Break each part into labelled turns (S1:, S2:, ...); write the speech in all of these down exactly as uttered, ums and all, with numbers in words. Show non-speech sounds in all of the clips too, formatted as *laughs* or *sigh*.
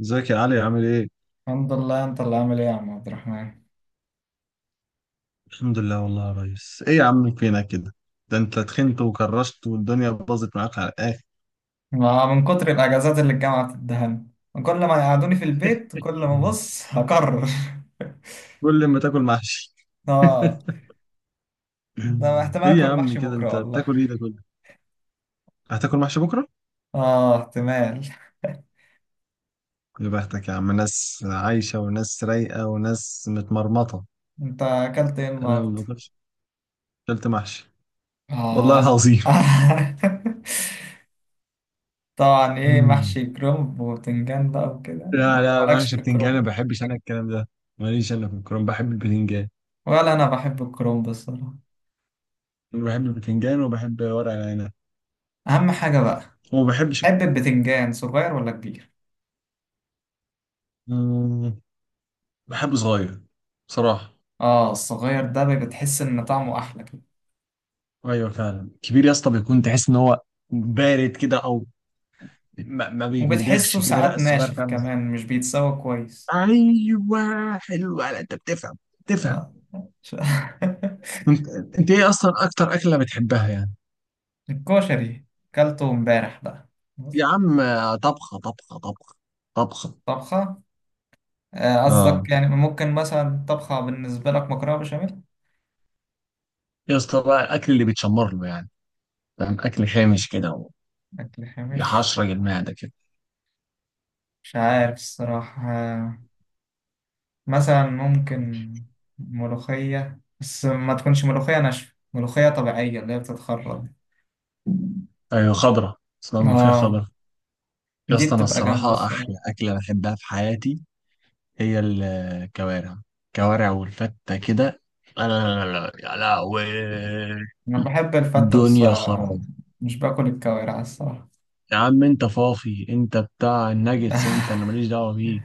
S1: ازيك يا علي عامل ايه؟
S2: الحمد لله، انت اللي عامل ايه يا عم عبد الرحمن؟
S1: الحمد لله والله يا ريس، ايه يا عم فينك كده؟ ده انت تخنت وكرشت والدنيا باظت معاك على الاخر.
S2: ما من كتر الاجازات اللي الجامعه بتدهن، كل ما يقعدوني في البيت كل ما بص هكرر.
S1: كل ما تاكل محشي.
S2: *laughs* اه،
S1: *laughs*
S2: ده احتمال
S1: ايه يا
S2: اكل
S1: عم
S2: محشي
S1: كده
S2: بكره
S1: انت
S2: والله.
S1: بتاكل ايه ده كله؟ هتاكل محشي بكره؟
S2: اه احتمال. *laughs*
S1: يا بختك يا عم، ناس عايشة وناس رايقة وناس متمرمطة.
S2: انت اكلت ايه
S1: انا ما
S2: النهارده؟
S1: باكلش. اكلت محشي. والله
S2: اه.
S1: العظيم.
S2: *laughs* طبعا، ايه؟
S1: مم.
S2: محشي كرنب وبتنجان بقى
S1: *laughs*
S2: وكده،
S1: لا
S2: ولا
S1: لا
S2: مالكش
S1: محشي
S2: في
S1: بتنجان، ما
S2: الكرنب؟
S1: بحبش انا الكلام ده. ماليش انا في الكرنب، بحب البتنجان.
S2: ولا انا بحب الكرنب الصراحه.
S1: بحب البتنجان وبحب ورق العنب.
S2: اهم حاجه بقى.
S1: وما بحبش
S2: تحب البتنجان صغير ولا كبير؟
S1: الكوسة. بحب صغير، بصراحة.
S2: اه الصغير ده بي- بتحس ان طعمه احلى كده.
S1: أيوة فعلا كبير يا اسطى بيكون تحس إن هو بارد كده، أو ما, ما
S2: وبتحسه
S1: بيتمدغش كده، لا
S2: ساعات
S1: الصغير
S2: ناشف
S1: فعلا.
S2: كمان، مش بيتسوى كويس.
S1: أيوة حلو، لا أنت بتفهم بتفهم.
S2: آه. ش- *laughs*
S1: أنت أنت إيه أصلا أكتر أكلة بتحبها يعني؟
S2: الكشري، كلته امبارح بقى. بص،
S1: يا عم آه، طبخة طبخة طبخة. طبخة.
S2: طبخة. آه، قصدك
S1: آه.
S2: يعني ممكن مثلا طبخة بالنسبة لك مكرونة بشاميل.
S1: يا اسطى بقى الأكل اللي بيتشمر له يعني، فاهم؟ أكل خامش كده،
S2: أكل خامش.
S1: ويحشرج المعدة كده.
S2: مش عارف الصراحة. آه، مثلا ممكن ملوخية، بس ما تكونش ملوخية ناشفة، ملوخية طبيعية اللي هي بتتخرط.
S1: أيوة خضرة، اسمها ملوخية
S2: اه،
S1: خضرة. يا
S2: دي
S1: اسطى أنا
S2: بتبقى جامدة
S1: الصراحة
S2: الصراحة.
S1: أحلى أكلة بحبها في حياتي هي الكوارع. كوارع والفتة كده. لا لا لا لا يا لهوي،
S2: أنا بحب الفتة بس.
S1: دنيا
S2: آه،
S1: خراب.
S2: مش باكل الكوارع الصراحة.
S1: يا عم انت فافي، انت بتاع الناجتس انت، انا
S2: *laughs*
S1: ماليش دعوة بيك.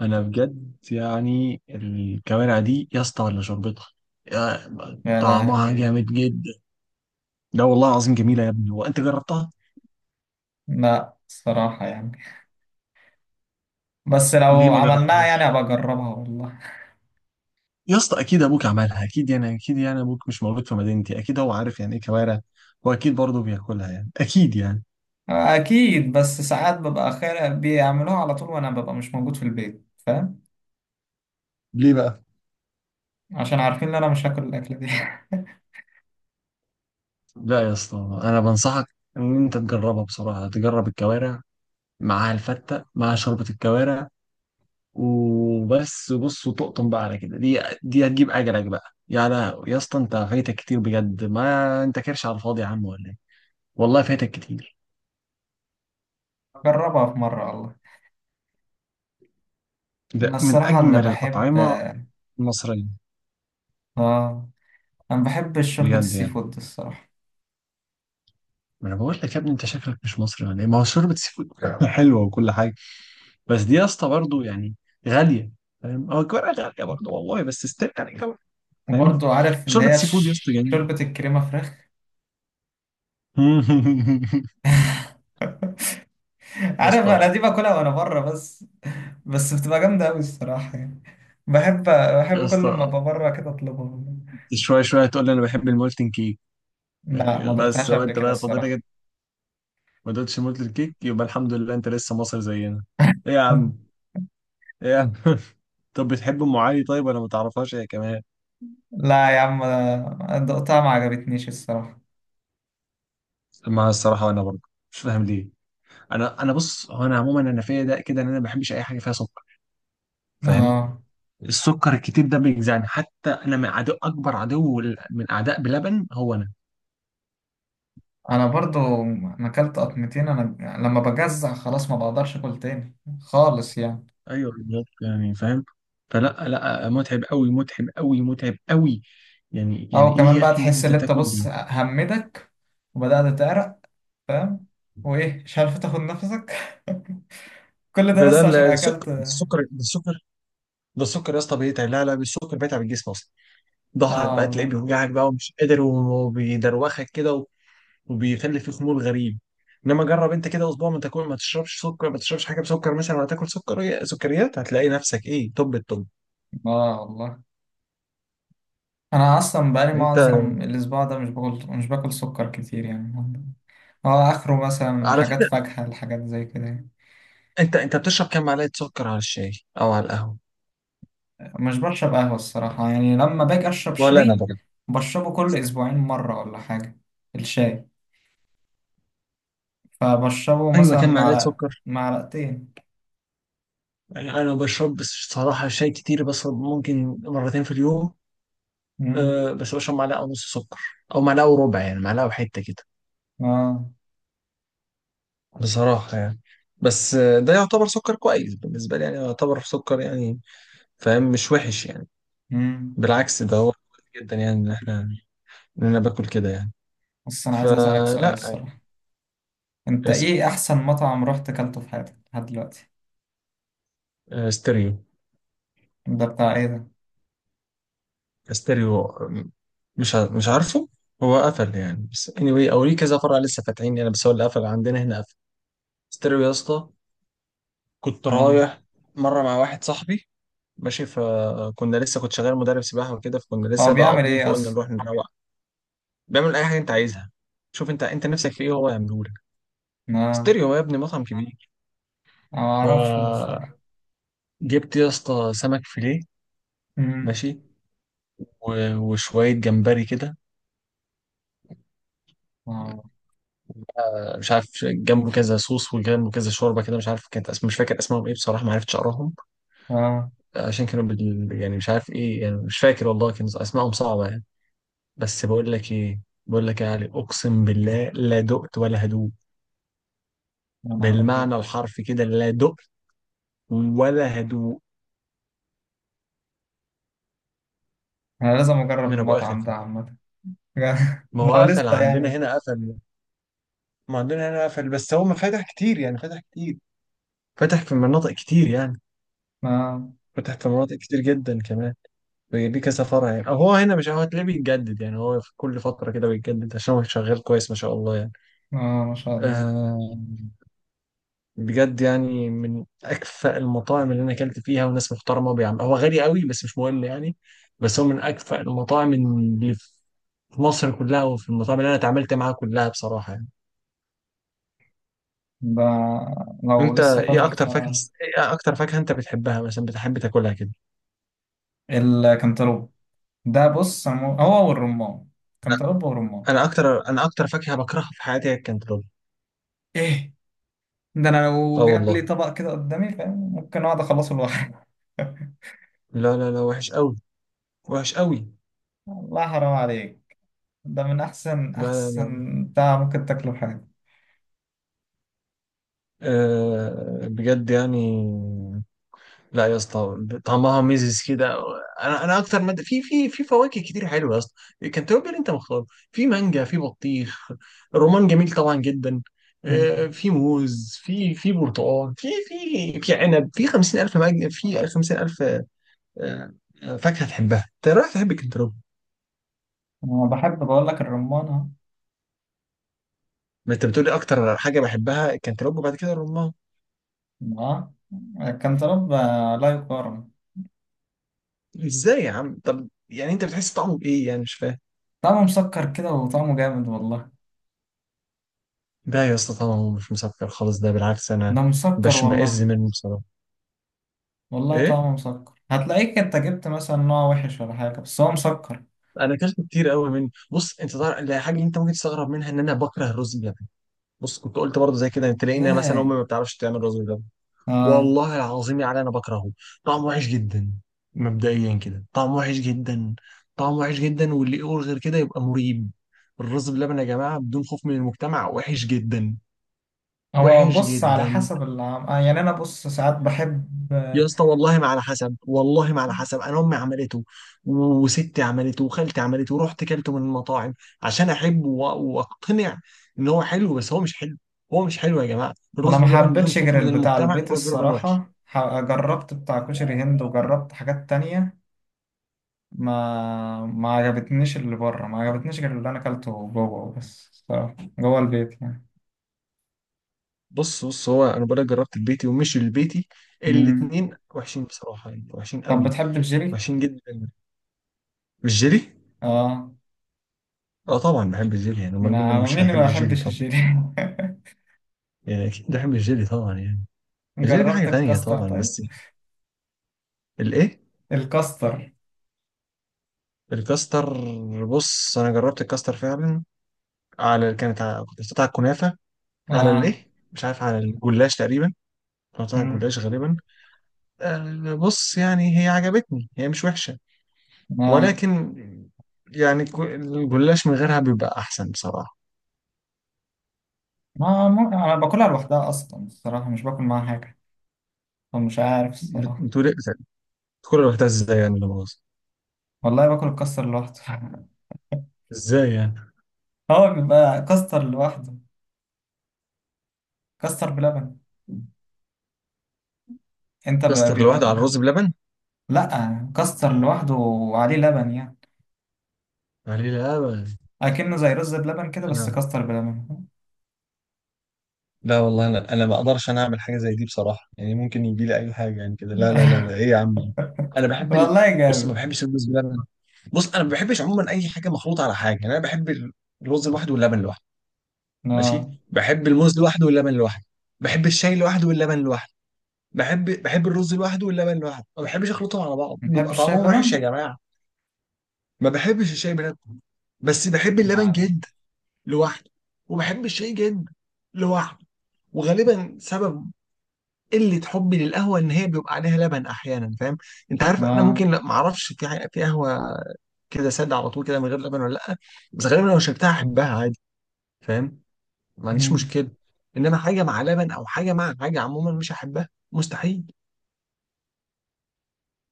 S1: انا بجد يعني الكوارع دي يا اسطى ولا شربتها، يا-
S2: يا
S1: طعمها
S2: لهوي.
S1: جامد جدا. لا والله العظيم جميلة يا ابني، وانت جربتها؟
S2: لا الصراحة يعني، بس
S1: ليه
S2: لو
S1: ما
S2: عملناها يعني
S1: جربتهاش؟
S2: أبقى أجربها والله.
S1: يا اسطى اكيد ابوك عملها، اكيد يعني، اكيد يعني ابوك مش موجود في مدينتي، اكيد هو عارف يعني ايه كوارع، واكيد برضه بياكلها يعني، اكيد يعني.
S2: أكيد، بس ساعات ببقى خير بيعملوها على طول وأنا ببقى مش موجود في البيت فاهم؟
S1: ليه بقى؟
S2: عشان عارفين إن أنا مش هاكل الأكلة دي.
S1: لا يا اسطى، انا بنصحك ان انت تجربها بصراحه، تجرب الكوارع معاها الفته، مع شوربه الكوارع وبس. بص وتقطن بقى على كده، دي دي هتجيب اجلك بقى، يا لا يا اسطى، انت فايتك كتير بجد، ما انت كرش على الفاضي يا عم ولا ايه؟ والله فايتك كتير.
S2: *laughs* أجربها في مرة والله. أنا
S1: ده من
S2: الصراحة اللي
S1: اجمل
S2: بحب.
S1: الاطعمه المصريه
S2: آه. أنا بحب شوربة
S1: بجد
S2: السي
S1: يعني.
S2: فود الصراحة.
S1: ما انا بقول لك يا ابني، انت شكلك مش مصري ولا ايه؟ ما هو شوربه سي فود *laughs* حلوه وكل حاجه. بس دي يا اسطى برضه يعني غاليه، فاهم؟ هو الكوارع غاليه برضه والله، بس استنى يعني، فاهم.
S2: وبرضو عارف اللي
S1: شوربه
S2: هي
S1: سي فود يا اسطى
S2: ش-
S1: جميل.
S2: شوربة الكريمة فراخ.
S1: *laughs* يا
S2: عارف انا
S1: اسطى
S2: دي باكلها وانا بره بس. بس بتبقى جامده قوي الصراحه يعني. بحب
S1: يا
S2: بحب كل ما
S1: اسطى،
S2: ابقى بره كده اطلبها.
S1: شويه شويه هتقول لي انا بحب المولتن كيك.
S2: لا، ما
S1: بس
S2: دقتهاش
S1: هو
S2: قبل
S1: انت
S2: كده
S1: بقى فاضل
S2: الصراحه.
S1: لك؟ ما دوتش مولتن كيك، يبقى الحمد لله انت لسه مصري زينا. ايه يا عم. ايه يا عم. *laughs* طب بتحب ام علي طيب، ولا ما تعرفهاش هي كمان؟
S2: لا يا عم، أنا دقتها ما عجبتنيش الصراحه.
S1: ما الصراحه انا برضه مش فاهم ليه. انا انا بص، هو انا عموما انا فيا ده كده ان انا ما بحبش اي حاجه فيها سكر، فاهم.
S2: اه.
S1: السكر الكتير ده بيجزعني، حتى انا من عدو اكبر عدو، من اعداء بلبن هو انا.
S2: انا برضو انا اكلت قطمتين انا، لما بجزع خلاص ما بقدرش اكل تاني خالص يعني.
S1: ايوه بالظبط يعني، فاهم. فلا لا متعب قوي متعب قوي متعب قوي. يعني يعني
S2: او
S1: ايه
S2: كمان
S1: يا
S2: بقى
S1: اخي
S2: تحس
S1: انت
S2: ان انت
S1: تاكل دي؟
S2: بص همدك، وبدات تعرق، فاهم؟ وايه، مش عارف تاخد نفسك. *laughs* كل ده
S1: ده ده
S2: بس عشان اكلت.
S1: السكر السكر ده السكر، ده السكر يا اسطى بيتعب. لا لا السكر بيتعب الجسم اصلا. ظهرك
S2: اه
S1: بقى تلاقيه
S2: والله.
S1: بيوجعك بقى ومش قادر، وبيدروخك كده و- وبيخلي فيه خمول غريب. انما جرب انت كده اسبوع ما تاكل، ما تشربش سكر، ما تشربش حاجه بسكر مثلا، ولا تاكل سكر سكريات، هتلاقي نفسك ايه طب الطب.
S2: اه والله. انا اصلا بقالي
S1: انت
S2: معظم الاسبوع ده مش باكل مش باكل سكر كتير يعني. اه اخره مثلا
S1: على
S2: حاجات
S1: فكره،
S2: فاكهة الحاجات زي كده يعني.
S1: انت انت بتشرب كام معلقه سكر على الشاي او على القهوه؟
S2: مش بشرب قهوة الصراحة يعني، لما باجي اشرب
S1: ولا انا.
S2: شاي بشربه كل اسبوعين مرة ولا حاجة، الشاي. فبشربه
S1: ايوه
S2: مثلا
S1: كان معلقه
S2: معلقة،
S1: سكر.
S2: معلقتين.
S1: يعني انا ما بشربش صراحه شاي كتير، بشرب ممكن مرتين في اليوم.
S2: امم
S1: أه، بس بشرب معلقه ونص سكر، او معلقه وربع، يعني معلقه وحته كده،
S2: اه.
S1: بصراحه يعني. بس آه، ده يعتبر سكر كويس بالنسبه لي يعني، يعتبر سكر يعني، فاهم. مش وحش يعني.
S2: امم.
S1: بالعكس، ده هو كويس جدا يعني، ان احنا ان انا باكل كده يعني.
S2: بس انا عايز اسألك سؤال
S1: فلا يعني.
S2: الصراحة، انت
S1: اس-
S2: ايه احسن مطعم رحت اكلته في حياتك لحد دلوقتي؟
S1: آه، ستيريو.
S2: ده بتاع ايه ده؟
S1: ستيريو آه، مش ع- مش عارفه. هو قفل يعني، بس anyway او ليه كذا فرع لسه فاتحين يعني، بس هو اللي قفل عندنا هنا. ستيريو يا اسطى، كنت
S2: اه.
S1: رايح مره مع واحد صاحبي ماشي، فكنا لسه كنت شغال مدرب سباحه وكده، فكنا
S2: هو
S1: لسه بقى
S2: بيعمل
S1: قاضيين
S2: ايه
S1: فقلنا
S2: اصلا؟
S1: نروح نروق. بيعمل اي حاجه انت عايزها، شوف انت انت نفسك في ايه هو يعمله لك.
S2: اه.
S1: ستيريو يا ابني مطعم كبير.
S2: ما اعرفش
S1: فجبت
S2: الصراحه.
S1: يا اسطى سمك فيليه،
S2: امم.
S1: ماشي، و- وشويه جمبري كده.
S2: اه.
S1: مش عارف جنبه كذا صوص وجنبه كذا شوربه كده، مش عارف كانت اسم، مش فاكر اسمهم ايه بصراحه، ما عرفتش اقراهم،
S2: اه.
S1: عشان كانوا بال... يعني مش عارف ايه يعني، مش فاكر والله، كان اسمائهم صعبه يعني. بس بقول لك ايه، بقول لك يا علي اقسم بالله، لا دقت ولا هدوء.
S2: يا نهار ابيض.
S1: بالمعنى الحرفي كده، لا دقت ولا هدوء.
S2: انا لازم اجرب
S1: من ابو اخر
S2: المطعم ده
S1: كده.
S2: عامه. *laughs*
S1: ما هو
S2: لو
S1: قفل
S2: لسه
S1: عندنا
S2: يعني.
S1: هنا قفل، ما عندنا هنا قفل، بس هو ما فتح كتير يعني، فتح كتير، فتح في مناطق كتير يعني،
S2: اه.
S1: فتح في مناطق كتير جدا كمان. ليه كذا فرع يعني، أو هو هنا مش هو هتلاقيه بيتجدد يعني، هو في كل فترة كده بيتجدد عشان هو شغال كويس ما شاء الله يعني.
S2: اه ما شاء الله.
S1: آه، بجد يعني من اكفأ المطاعم اللي انا اكلت فيها، وناس محترمه، بيعمل هو غالي قوي بس مش مهم يعني، بس هو من اكفأ المطاعم اللي في مصر كلها وفي المطاعم اللي انا اتعاملت معاها كلها، بصراحه يعني.
S2: ده لو
S1: انت
S2: لسه
S1: ايه
S2: فتح
S1: اكتر فاكهه،
S2: فرع.
S1: ايه اكتر فاكهه انت بتحبها مثلا، بتحب تاكلها كده؟
S2: الكنتالوب ده، بص أنا مو- هو والرمان.
S1: لا
S2: كنتالوب والرمان.
S1: انا اكتر انا اكتر فاكهه بكرهها في حياتي هي الكنتالوب.
S2: ايه ده؟ انا لو
S1: اه
S2: جاب لي
S1: والله.
S2: طبق كده قدامي فاهم ممكن اقعد اخلصه لوحدي.
S1: لا لا لا وحش قوي، وحش قوي.
S2: *laughs* الله حرام عليك. ده من احسن
S1: لا لا لا.
S2: احسن بتاع ممكن تاكله في حياتك.
S1: أه بجد يعني. لا يا اسطى، طعمها ميزز كده. انا انا اكتر ماده في في في فواكه كتير حلوه يا اسطى، كنتالوب اللي انت مختاره، في مانجا، في بطيخ، الرمان جميل طبعا جدا،
S2: أمم.
S1: آه، في موز، في في برتقال، في في في عنب، في خمسين الف مانجا، في خمسين الف. آه. آه، فاكهه تحبها انت رايح تحب الكنتالوب.
S2: انا بحب بقول لك الرمان أهو.
S1: ما انت بتقولي اكتر حاجه بحبها الكنتالوب وبعد كده الرمان.
S2: اه. كان طرب. لا يقارن.
S1: ازاي يا عم؟ طب يعني انت بتحس طعمه بايه يعني؟ مش فاهم.
S2: طعمه مسكر كده، وطعمه جامد والله.
S1: ده يا اسطى طعمه مش مسكر خالص، ده بالعكس
S2: ده
S1: انا
S2: مسكر
S1: بشمئز
S2: والله.
S1: منه بصراحه.
S2: والله
S1: ايه،
S2: طعمه مسكر، هتلاقيك انت جبت مثلا نوع وحش ولا حاجة، بس هو مسكر.
S1: انا اكلت كتير قوي منه. بص انت تعرف لا، حاجه انت ممكن تستغرب منها، ان انا بكره الرز بلبن. بص، كنت قلت برضه زي كده، تلاقينا مثلا
S2: ازاي؟
S1: امي ما بتعرفش تعمل رز بلبن.
S2: اه.
S1: والله العظيم يعني انا بكرهه، طعمه وحش جدا. مبدئيا كده طعمه وحش جدا، طعمه وحش جدا، واللي يقول غير كده يبقى مريب. الرز بلبن يا جماعه بدون خوف من المجتمع وحش جدا،
S2: هو
S1: وحش
S2: بص على
S1: جدا.
S2: حسب العم... آه يعني انا بص ساعات بحب.
S1: يا
S2: آه.
S1: اسطى والله ما على حسب، والله ما على حسب، انا امي عملته وستي عملته وخالتي عملته، ورحت كلته من المطاعم عشان احب و- واقتنع ان هو حلو، بس هو مش حلو. هو مش حلو يا جماعه،
S2: انا
S1: الرز
S2: ما
S1: باللبن بدون
S2: حبيتش
S1: خوف
S2: غير
S1: من
S2: البتاع
S1: المجتمع،
S2: البيت
S1: الرز باللبن وحش.
S2: الصراحة، ح- جربت بتاع كشري هند وجربت حاجات تانية. ما ما عجبتنيش اللي بره، ما عجبتنيش غير اللي انا اكلته جوه بس الصراحة، جوه البيت يعني.
S1: بص بص هو انا بقولك جربت البيتي ومش البيتي،
S2: مم.
S1: الاتنين وحشين بصراحه يعني، وحشين
S2: طب
S1: قوي،
S2: بتحب الجيلي؟
S1: وحشين جدا. الجيلي؟
S2: اه.
S1: اه طبعا بحب الجيلي يعني، امال مين
S2: نعم،
S1: مش
S2: مين ما
S1: هيحب الجيلي
S2: بيحبش
S1: طبعا،
S2: الجيلي؟
S1: يعني اكيد بحب الجيلي طبعا يعني.
S2: *laughs*
S1: الجيلي ده
S2: جربت
S1: حاجه تانيه
S2: الكاستر
S1: طبعا،
S2: طيب؟
S1: بس الايه؟
S2: الكاستر.
S1: الكاستر. بص انا جربت الكاستر فعلا، على كانت على- كنت حطيتها على الكنافه، على
S2: اه.
S1: الايه، مش عارف، على الجلاش تقريبا، كنت حطيتها على
S2: مم.
S1: الجلاش غالبا. آه، بص يعني هي عجبتني، هي مش وحشه،
S2: اه.
S1: ولكن يعني كو- الجلاش من غيرها بيبقى احسن بصراحه.
S2: ما ما- انا باكلها لوحدها اصلا الصراحة، مش باكل معاها حاجة، فمش عارف
S1: بت-
S2: الصراحة.
S1: بتقول ايه بت- كل الوقت ازاي يعني اللي باظ؟
S2: والله باكل الكاستر لوحده. *laughs*
S1: ازاي يعني؟
S2: هو بيبقى كاستر لوحده، كاستر بلبن. انت ب-
S1: كاستر لوحده على
S2: بيبقى.
S1: الرز بلبن؟
S2: لا، كاستر لوحده وعليه لبن يعني،
S1: عليه لبن.
S2: اكنه زي رز بلبن كده بس
S1: انا
S2: كاستر بلبن.
S1: لا والله انا انا ما اقدرش انا اعمل حاجه زي دي بصراحه يعني، ممكن يجي لي اي حاجه يعني كده، لا لا لا لا، ايه يا عم ده؟ انا
S2: *laughs*
S1: بحب ال...
S2: والله
S1: بص ما
S2: جامد.
S1: بحبش الرز بلبن. بص انا ما بحبش عموما اي حاجه مخلوطه على حاجه يعني، انا بحب ال- الرز لوحده واللبن لوحده، ماشي،
S2: اه.
S1: بحب الموز لوحده واللبن لوحده، بحب الشاي لوحده واللبن لوحده، بحب بحب الرز لوحده واللبن لوحده، ما بحبش اخلطهم على بعض
S2: بتحب
S1: بيبقى
S2: الشاي
S1: طعمهم وحش يا
S2: بلبن؟
S1: جماعه. ما بحبش الشاي بلبن، بس بحب
S2: لا
S1: اللبن
S2: لا.
S1: جدا لوحده، وبحب الشاي جدا لوحده. وغالبا سبب قله حبي للقهوه ان هي بيبقى عليها لبن احيانا، فاهم؟ انت عارف انا
S2: آه.
S1: ممكن، لا ما اعرفش، في ح- في قهوه كده ساده على طول كده من غير لبن ولا لا، بس غالبا لو شربتها احبها عادي، فاهم، ما عنديش
S2: مم.
S1: مشكله. انما حاجه مع لبن او حاجه مع حاجه عموما مش هحبها مستحيل.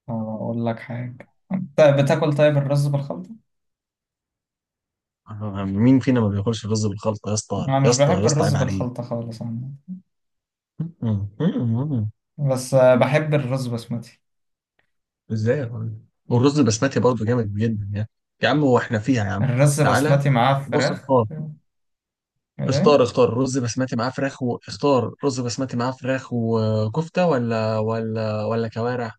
S2: آه، أقول لك حاجة، أنت بتاكل طيب الرز بالخلطة؟
S1: *laughs* آه، مين فينا ما بياكلش رز بالخلطه يا اسطى،
S2: أنا
S1: يا
S2: مش
S1: اسطى يا
S2: بحب
S1: اسطى
S2: الرز
S1: عيب عليك.
S2: بالخلطة خالص عامة.
S1: *laughs* م- م- م-
S2: بس آه، بحب الرز بسمتي.
S1: ازاي يا راجل. والرز البسمتي برضه جامد جدا يعني. يا عم هو احنا فيها يا عم؟
S2: الرز
S1: تعالى،
S2: بسمتي معاه
S1: بص،
S2: فراخ. إيه؟
S1: اختار اختار رز بسمتي معاه فراخ، واختار رز بسمتي معاه فراخ وكفتة، ولا ولا ولا كوارع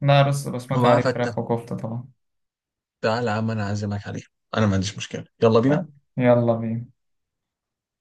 S2: لا، رز بسمتي
S1: ومعاه
S2: عليه
S1: فتة.
S2: فراخ وكفتة طبعا.
S1: تعالى يا عم انا اعزمك عليه، انا ما عنديش مشكلة، يلا
S2: آه.
S1: بينا.
S2: يلا بينا.